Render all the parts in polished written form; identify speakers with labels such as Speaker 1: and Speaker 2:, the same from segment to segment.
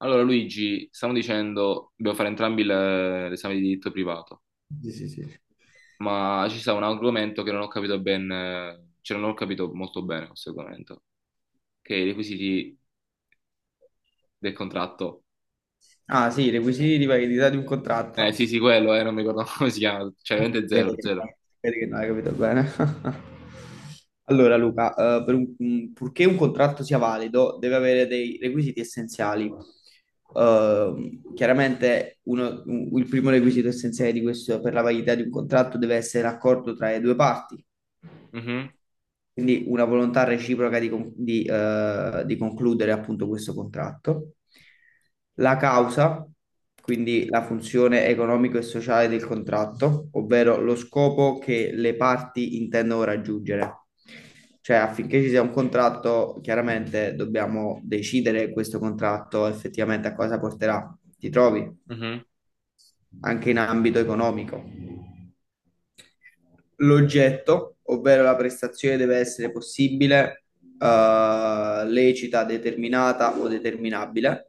Speaker 1: Allora, Luigi, stiamo dicendo, dobbiamo fare entrambi l'esame di diritto privato,
Speaker 2: Sì, sì, sì.
Speaker 1: ma ci sta un argomento che non ho capito ben, cioè non ho capito molto bene questo argomento, che è i requisiti del contratto.
Speaker 2: Ah, sì, i requisiti di validità di un
Speaker 1: Eh
Speaker 2: contratto.
Speaker 1: sì, sì, quello, non mi ricordo come si chiama, cioè veramente
Speaker 2: Eh,
Speaker 1: zero, zero.
Speaker 2: Vedi che non hai capito bene. Allora, Luca, purché un contratto sia valido, deve avere dei requisiti essenziali. Chiaramente, il primo requisito essenziale di questo, per la validità di un contratto deve essere l'accordo tra le due parti.
Speaker 1: Mhm,
Speaker 2: Quindi una volontà reciproca di concludere appunto questo contratto. La causa, quindi la funzione economico e sociale del contratto, ovvero lo scopo che le parti intendono raggiungere. Cioè, affinché ci sia un contratto, chiaramente dobbiamo decidere questo contratto effettivamente a cosa porterà. Ti trovi
Speaker 1: mhm.
Speaker 2: anche in ambito economico. L'oggetto, ovvero la prestazione, deve essere possibile, lecita, determinata o determinabile.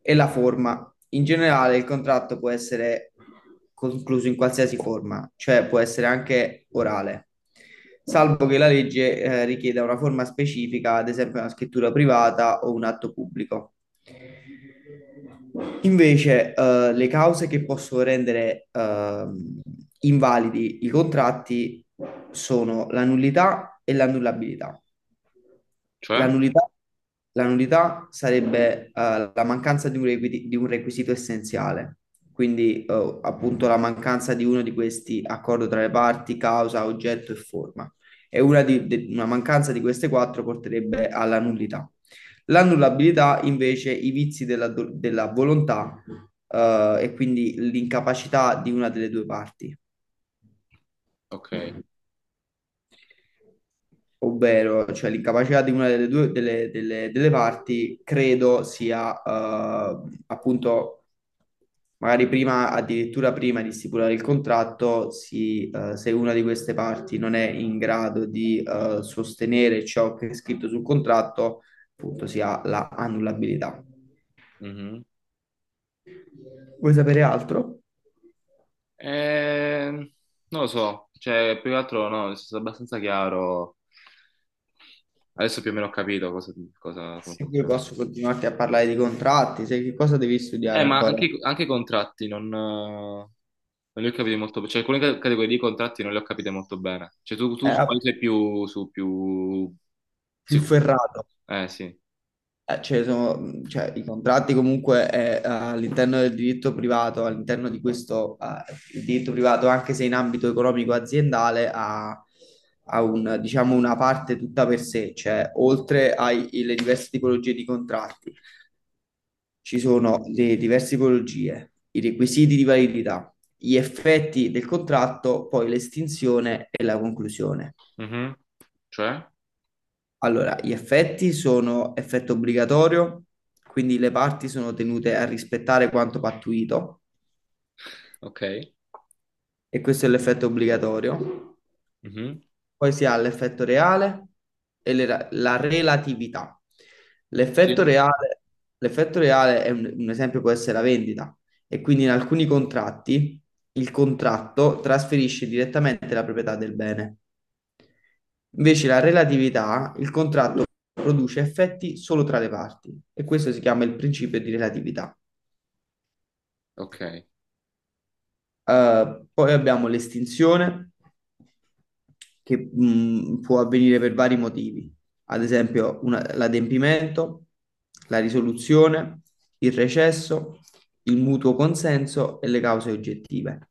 Speaker 2: E la forma. In generale, il contratto può essere concluso in qualsiasi forma, cioè può essere anche orale, salvo che la legge, richieda una forma specifica, ad esempio una scrittura privata o un atto pubblico. Invece, le cause che possono rendere invalidi i contratti sono la nullità e l'annullabilità. La
Speaker 1: Cioè?
Speaker 2: nullità, la nullità sarebbe la mancanza di un requisito essenziale, quindi appunto la mancanza di uno di questi accordo tra le parti, causa, oggetto e forma. E una mancanza di queste quattro porterebbe alla nullità. L'annullabilità invece i vizi della volontà e quindi l'incapacità di una delle due parti,
Speaker 1: Ok.
Speaker 2: ovvero cioè l'incapacità di una delle due delle, delle- delle parti credo sia appunto magari prima, addirittura prima di stipulare il contratto, se una di queste parti non è in grado di sostenere ciò che è scritto sul contratto, appunto si ha la annullabilità.
Speaker 1: Mhm.
Speaker 2: Vuoi sapere altro?
Speaker 1: Eh, non lo so, cioè più che altro no, è stato abbastanza chiaro. Adesso più o meno ho capito come
Speaker 2: Se poi
Speaker 1: funziona.
Speaker 2: posso continuarti a parlare di contratti, sai che cosa devi studiare
Speaker 1: Ma
Speaker 2: ancora?
Speaker 1: anche, anche i contratti non li ho capiti molto bene. Cioè, alcune categorie di contratti non le ho capite molto bene. Cioè, tu su quale
Speaker 2: Era
Speaker 1: sei più, su più
Speaker 2: più
Speaker 1: sicuro?
Speaker 2: ferrato.
Speaker 1: Sì.
Speaker 2: Cioè, i contratti comunque all'interno del diritto privato, all'interno di questo il diritto privato, anche se in ambito economico aziendale, ha, ha un, diciamo, una parte tutta per sé, cioè oltre alle diverse tipologie di contratti. Ci sono le diverse tipologie, i requisiti di validità, gli effetti del contratto, poi l'estinzione e la conclusione.
Speaker 1: Mhm. Cioè?
Speaker 2: Allora, gli effetti sono effetto obbligatorio, quindi le parti sono tenute a rispettare quanto pattuito,
Speaker 1: Ok.
Speaker 2: e questo è l'effetto obbligatorio.
Speaker 1: Mhm.
Speaker 2: Poi si ha l'effetto reale e la relatività.
Speaker 1: Sì?
Speaker 2: L'effetto reale, l'effetto reale è un esempio può essere la vendita e quindi in alcuni contratti il contratto trasferisce direttamente la proprietà del bene. Invece la relatività, il contratto produce effetti solo tra le parti e questo si chiama il principio di relatività.
Speaker 1: Ok.
Speaker 2: Poi abbiamo l'estinzione che può avvenire per vari motivi, ad esempio l'adempimento, la risoluzione, il recesso, il mutuo consenso e le cause oggettive.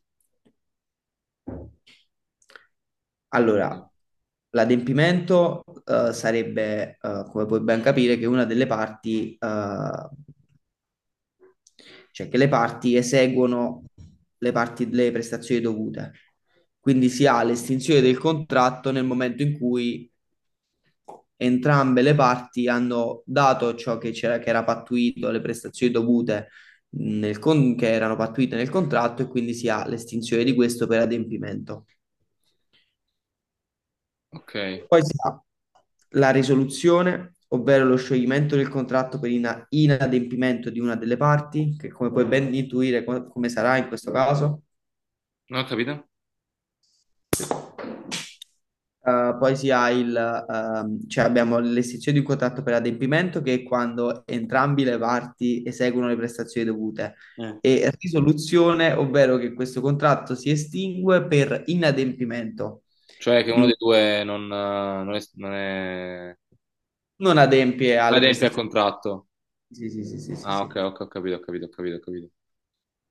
Speaker 2: Allora, l'adempimento sarebbe, come puoi ben capire, che una delle parti cioè che le parti eseguono le prestazioni dovute. Quindi si ha l'estinzione del contratto nel momento in cui entrambe le parti hanno dato ciò che c'era, che era pattuito, le prestazioni dovute che erano pattuite nel contratto e quindi si ha l'estinzione di questo per adempimento.
Speaker 1: Ok.
Speaker 2: Poi si ha la risoluzione, ovvero lo scioglimento del contratto per inadempimento di una delle parti, che come puoi ben intuire come sarà in questo caso.
Speaker 1: Non ho capito?
Speaker 2: Poi si ha cioè abbiamo l'estinzione di un contratto per adempimento che è quando entrambi le parti eseguono le prestazioni dovute
Speaker 1: Eh.
Speaker 2: e risoluzione, ovvero che questo contratto si estingue per inadempimento
Speaker 1: Cioè, che
Speaker 2: di
Speaker 1: uno
Speaker 2: un
Speaker 1: dei due
Speaker 2: non adempie
Speaker 1: non
Speaker 2: alle
Speaker 1: adempie al
Speaker 2: prestazioni.
Speaker 1: contratto.
Speaker 2: Sì, sì, sì, sì, sì,
Speaker 1: Ah, ok,
Speaker 2: sì.
Speaker 1: ok, ho capito, ho capito, ho capito, ho capito.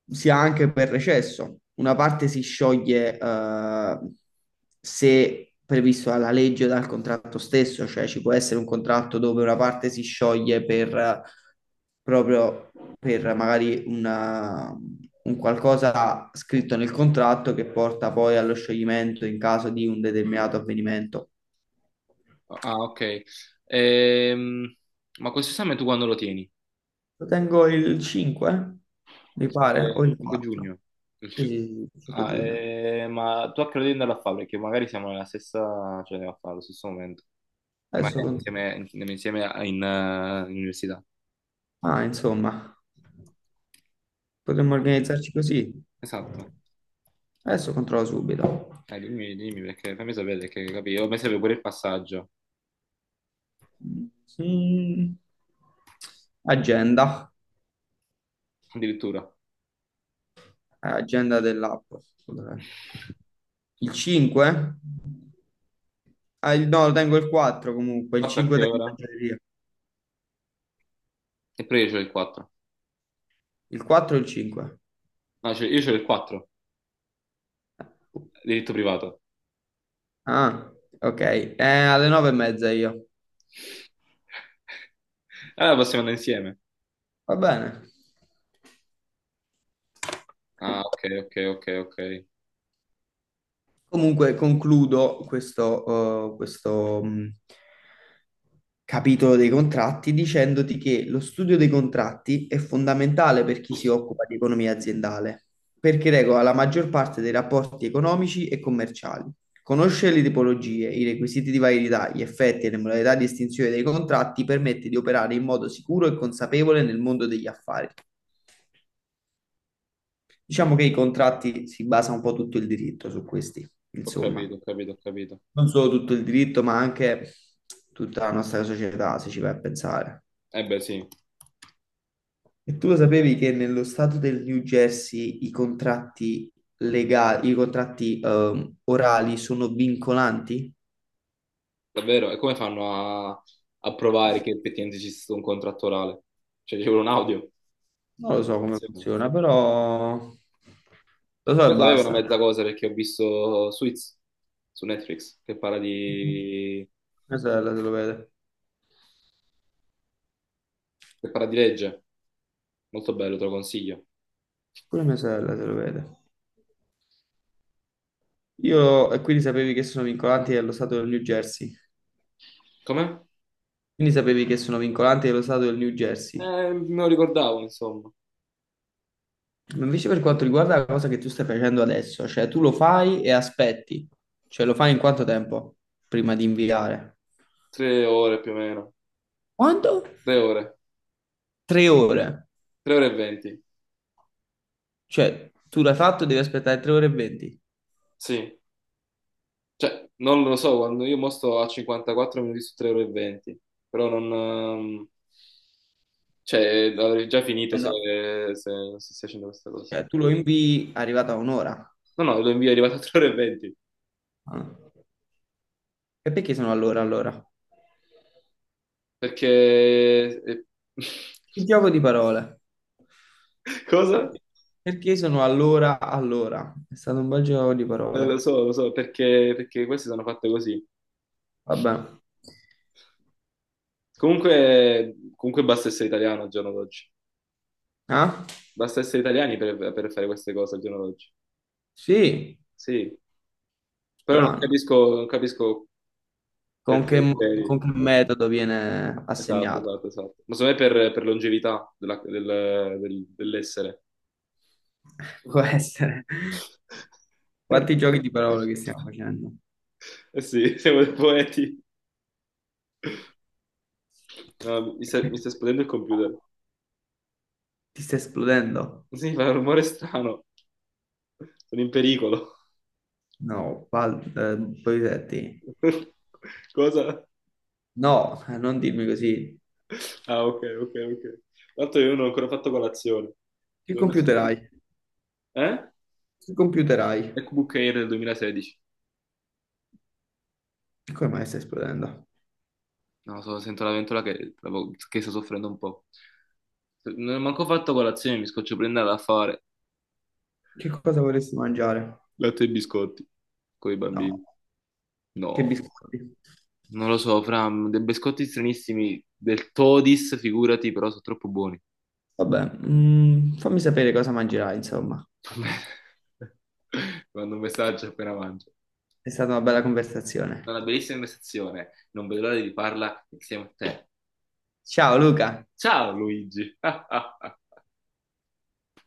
Speaker 2: Sia anche per recesso. Una parte si scioglie se previsto dalla legge o dal contratto stesso, cioè ci può essere un contratto dove una parte si scioglie per proprio per magari un qualcosa scritto nel contratto che porta poi allo scioglimento in caso di un determinato avvenimento.
Speaker 1: Ah, ok. Ehm, ma questo esame tu quando lo tieni?
Speaker 2: Lo tengo il 5, mi pare, o
Speaker 1: 5,
Speaker 2: il
Speaker 1: 5
Speaker 2: 4.
Speaker 1: giugno. Il
Speaker 2: Sì,
Speaker 1: ci-
Speaker 2: sì, sì, 5
Speaker 1: Ah,
Speaker 2: giugno.
Speaker 1: ma tu a che ora devi andare a fare? Perché magari siamo nella stessa, cioè a fare allo stesso momento. Cioè,
Speaker 2: Adesso
Speaker 1: magari
Speaker 2: controllo.
Speaker 1: in università.
Speaker 2: Ah, insomma, potremmo organizzarci così.
Speaker 1: Esatto.
Speaker 2: Adesso controllo subito.
Speaker 1: Dai, dimmi, dimmi, perché fammi sapere che capì. Io mi serve pure il passaggio,
Speaker 2: Mm, Agenda,
Speaker 1: addirittura.
Speaker 2: Agenda dell'app. Dov'è? Il 5? Ah, no, lo tengo il 4 comunque, il
Speaker 1: 4 a
Speaker 2: 5
Speaker 1: che
Speaker 2: tengo in
Speaker 1: ora?
Speaker 2: libreria.
Speaker 1: E poi io c'ho il 4.
Speaker 2: Il 4 o il 5?
Speaker 1: No, cioè, io c'ho il 4, diritto privato.
Speaker 2: Ah, ok, alle 9 e mezza io.
Speaker 1: Allora possiamo andare insieme.
Speaker 2: Va bene.
Speaker 1: Ah, ok, ok, ok, ok.
Speaker 2: Comunque concludo questo, capitolo dei contratti dicendoti che lo studio dei contratti è fondamentale per chi si occupa di economia aziendale, perché regola la maggior parte dei rapporti economici e commerciali. Conoscere le tipologie, i requisiti di validità, gli effetti e le modalità di estinzione dei contratti permette di operare in modo sicuro e consapevole nel mondo degli affari. Diciamo che i contratti si basa un po' tutto il diritto su questi,
Speaker 1: Ho
Speaker 2: insomma.
Speaker 1: capito, ho capito, ho capito.
Speaker 2: Non solo tutto il diritto, ma anche tutta la nostra società, se ci vai a pensare.
Speaker 1: Eh beh, sì.
Speaker 2: E tu lo sapevi che nello stato del New Jersey i contratti legali, i contratti orali sono vincolanti?
Speaker 1: Davvero? E come fanno a, a provare che effettivamente ci sia stato un contratto orale? Cioè, c'è un audio.
Speaker 2: Non lo so come funziona, però lo so e
Speaker 1: Io sapevo una
Speaker 2: basta.
Speaker 1: mezza cosa perché ho visto Suits su Netflix che parla
Speaker 2: Mia sorella se lo vede,
Speaker 1: che parla di legge. Molto bello, te lo consiglio.
Speaker 2: pure mia sorella se lo vede. E quindi sapevi che sono vincolanti dello stato del New Jersey.
Speaker 1: Com'è?
Speaker 2: Quindi sapevi che sono vincolanti dello stato del New Jersey.
Speaker 1: Eh, me lo ricordavo, insomma.
Speaker 2: Ma invece per quanto riguarda la cosa che tu stai facendo adesso, cioè tu lo fai e aspetti, cioè lo fai in quanto tempo prima di inviare?
Speaker 1: Tre ore più o meno.
Speaker 2: Quanto?
Speaker 1: 3 ore.
Speaker 2: 3 ore,
Speaker 1: 3 ore e 20.
Speaker 2: cioè tu l'hai fatto, devi aspettare 3 ore e 20.
Speaker 1: Sì. Cioè, non lo so, quando io mo sto a 54 minuti su 3 ore e 20. Però non... Cioè, avrei già finito
Speaker 2: Eh, no.
Speaker 1: se non stessi facendo questa cosa.
Speaker 2: Cioè, tu lo invii arrivato a un'ora.
Speaker 1: No, no, lo invio è arrivato a 3 ore e 20.
Speaker 2: Ah. E perché sono all'ora allora?
Speaker 1: Perché... eh,
Speaker 2: Il gioco di parole.
Speaker 1: Cosa?
Speaker 2: Perché sono all'ora allora? È stato un bel gioco di parole.
Speaker 1: Lo so, lo so, perché queste sono fatte così.
Speaker 2: Vabbè.
Speaker 1: Comunque basta essere italiano al giorno d'oggi.
Speaker 2: Ah?
Speaker 1: Basta essere italiani per fare queste cose al giorno d'oggi.
Speaker 2: Sì,
Speaker 1: Sì, però non
Speaker 2: strano.
Speaker 1: capisco, non capisco per
Speaker 2: Con che,
Speaker 1: quei
Speaker 2: mo- con
Speaker 1: criteri.
Speaker 2: che metodo viene
Speaker 1: Esatto,
Speaker 2: assegnato?
Speaker 1: esatto, esatto. Ma secondo me per longevità dell'essere.
Speaker 2: Può essere. Quanti giochi di parole che stiamo facendo?
Speaker 1: Eh sì, siamo dei poeti. No, mi sta esplodendo il computer.
Speaker 2: Ti sta esplodendo?
Speaker 1: Sì, fa un rumore strano. Sono in pericolo.
Speaker 2: No, Polisetti.
Speaker 1: Cosa?
Speaker 2: No, non dirmi così.
Speaker 1: Ah, ok, ok, ok. Tanto io non ho ancora fatto colazione.
Speaker 2: Che
Speaker 1: Devo messo-
Speaker 2: computer hai?
Speaker 1: Eh?
Speaker 2: Che computer hai?
Speaker 1: MacBook Air del 2016.
Speaker 2: Come mai stai esplodendo?
Speaker 1: No, sento la ventola che sta soffrendo un po'. Non ho manco fatto colazione, mi scoccio prendere a fare
Speaker 2: Che cosa vorresti mangiare?
Speaker 1: latte e biscotti con i
Speaker 2: No,
Speaker 1: bambini.
Speaker 2: che
Speaker 1: No.
Speaker 2: biscotti?
Speaker 1: Non lo so, fra dei biscotti stranissimi del Todis, figurati, però sono troppo buoni.
Speaker 2: Vabbè, fammi sapere cosa mangerai, insomma.
Speaker 1: Ti mando un messaggio appena mangio.
Speaker 2: È stata una bella
Speaker 1: È
Speaker 2: conversazione.
Speaker 1: una bellissima investizione, non vedo l'ora di riparla insieme a te.
Speaker 2: Ciao Luca!
Speaker 1: Ciao Luigi!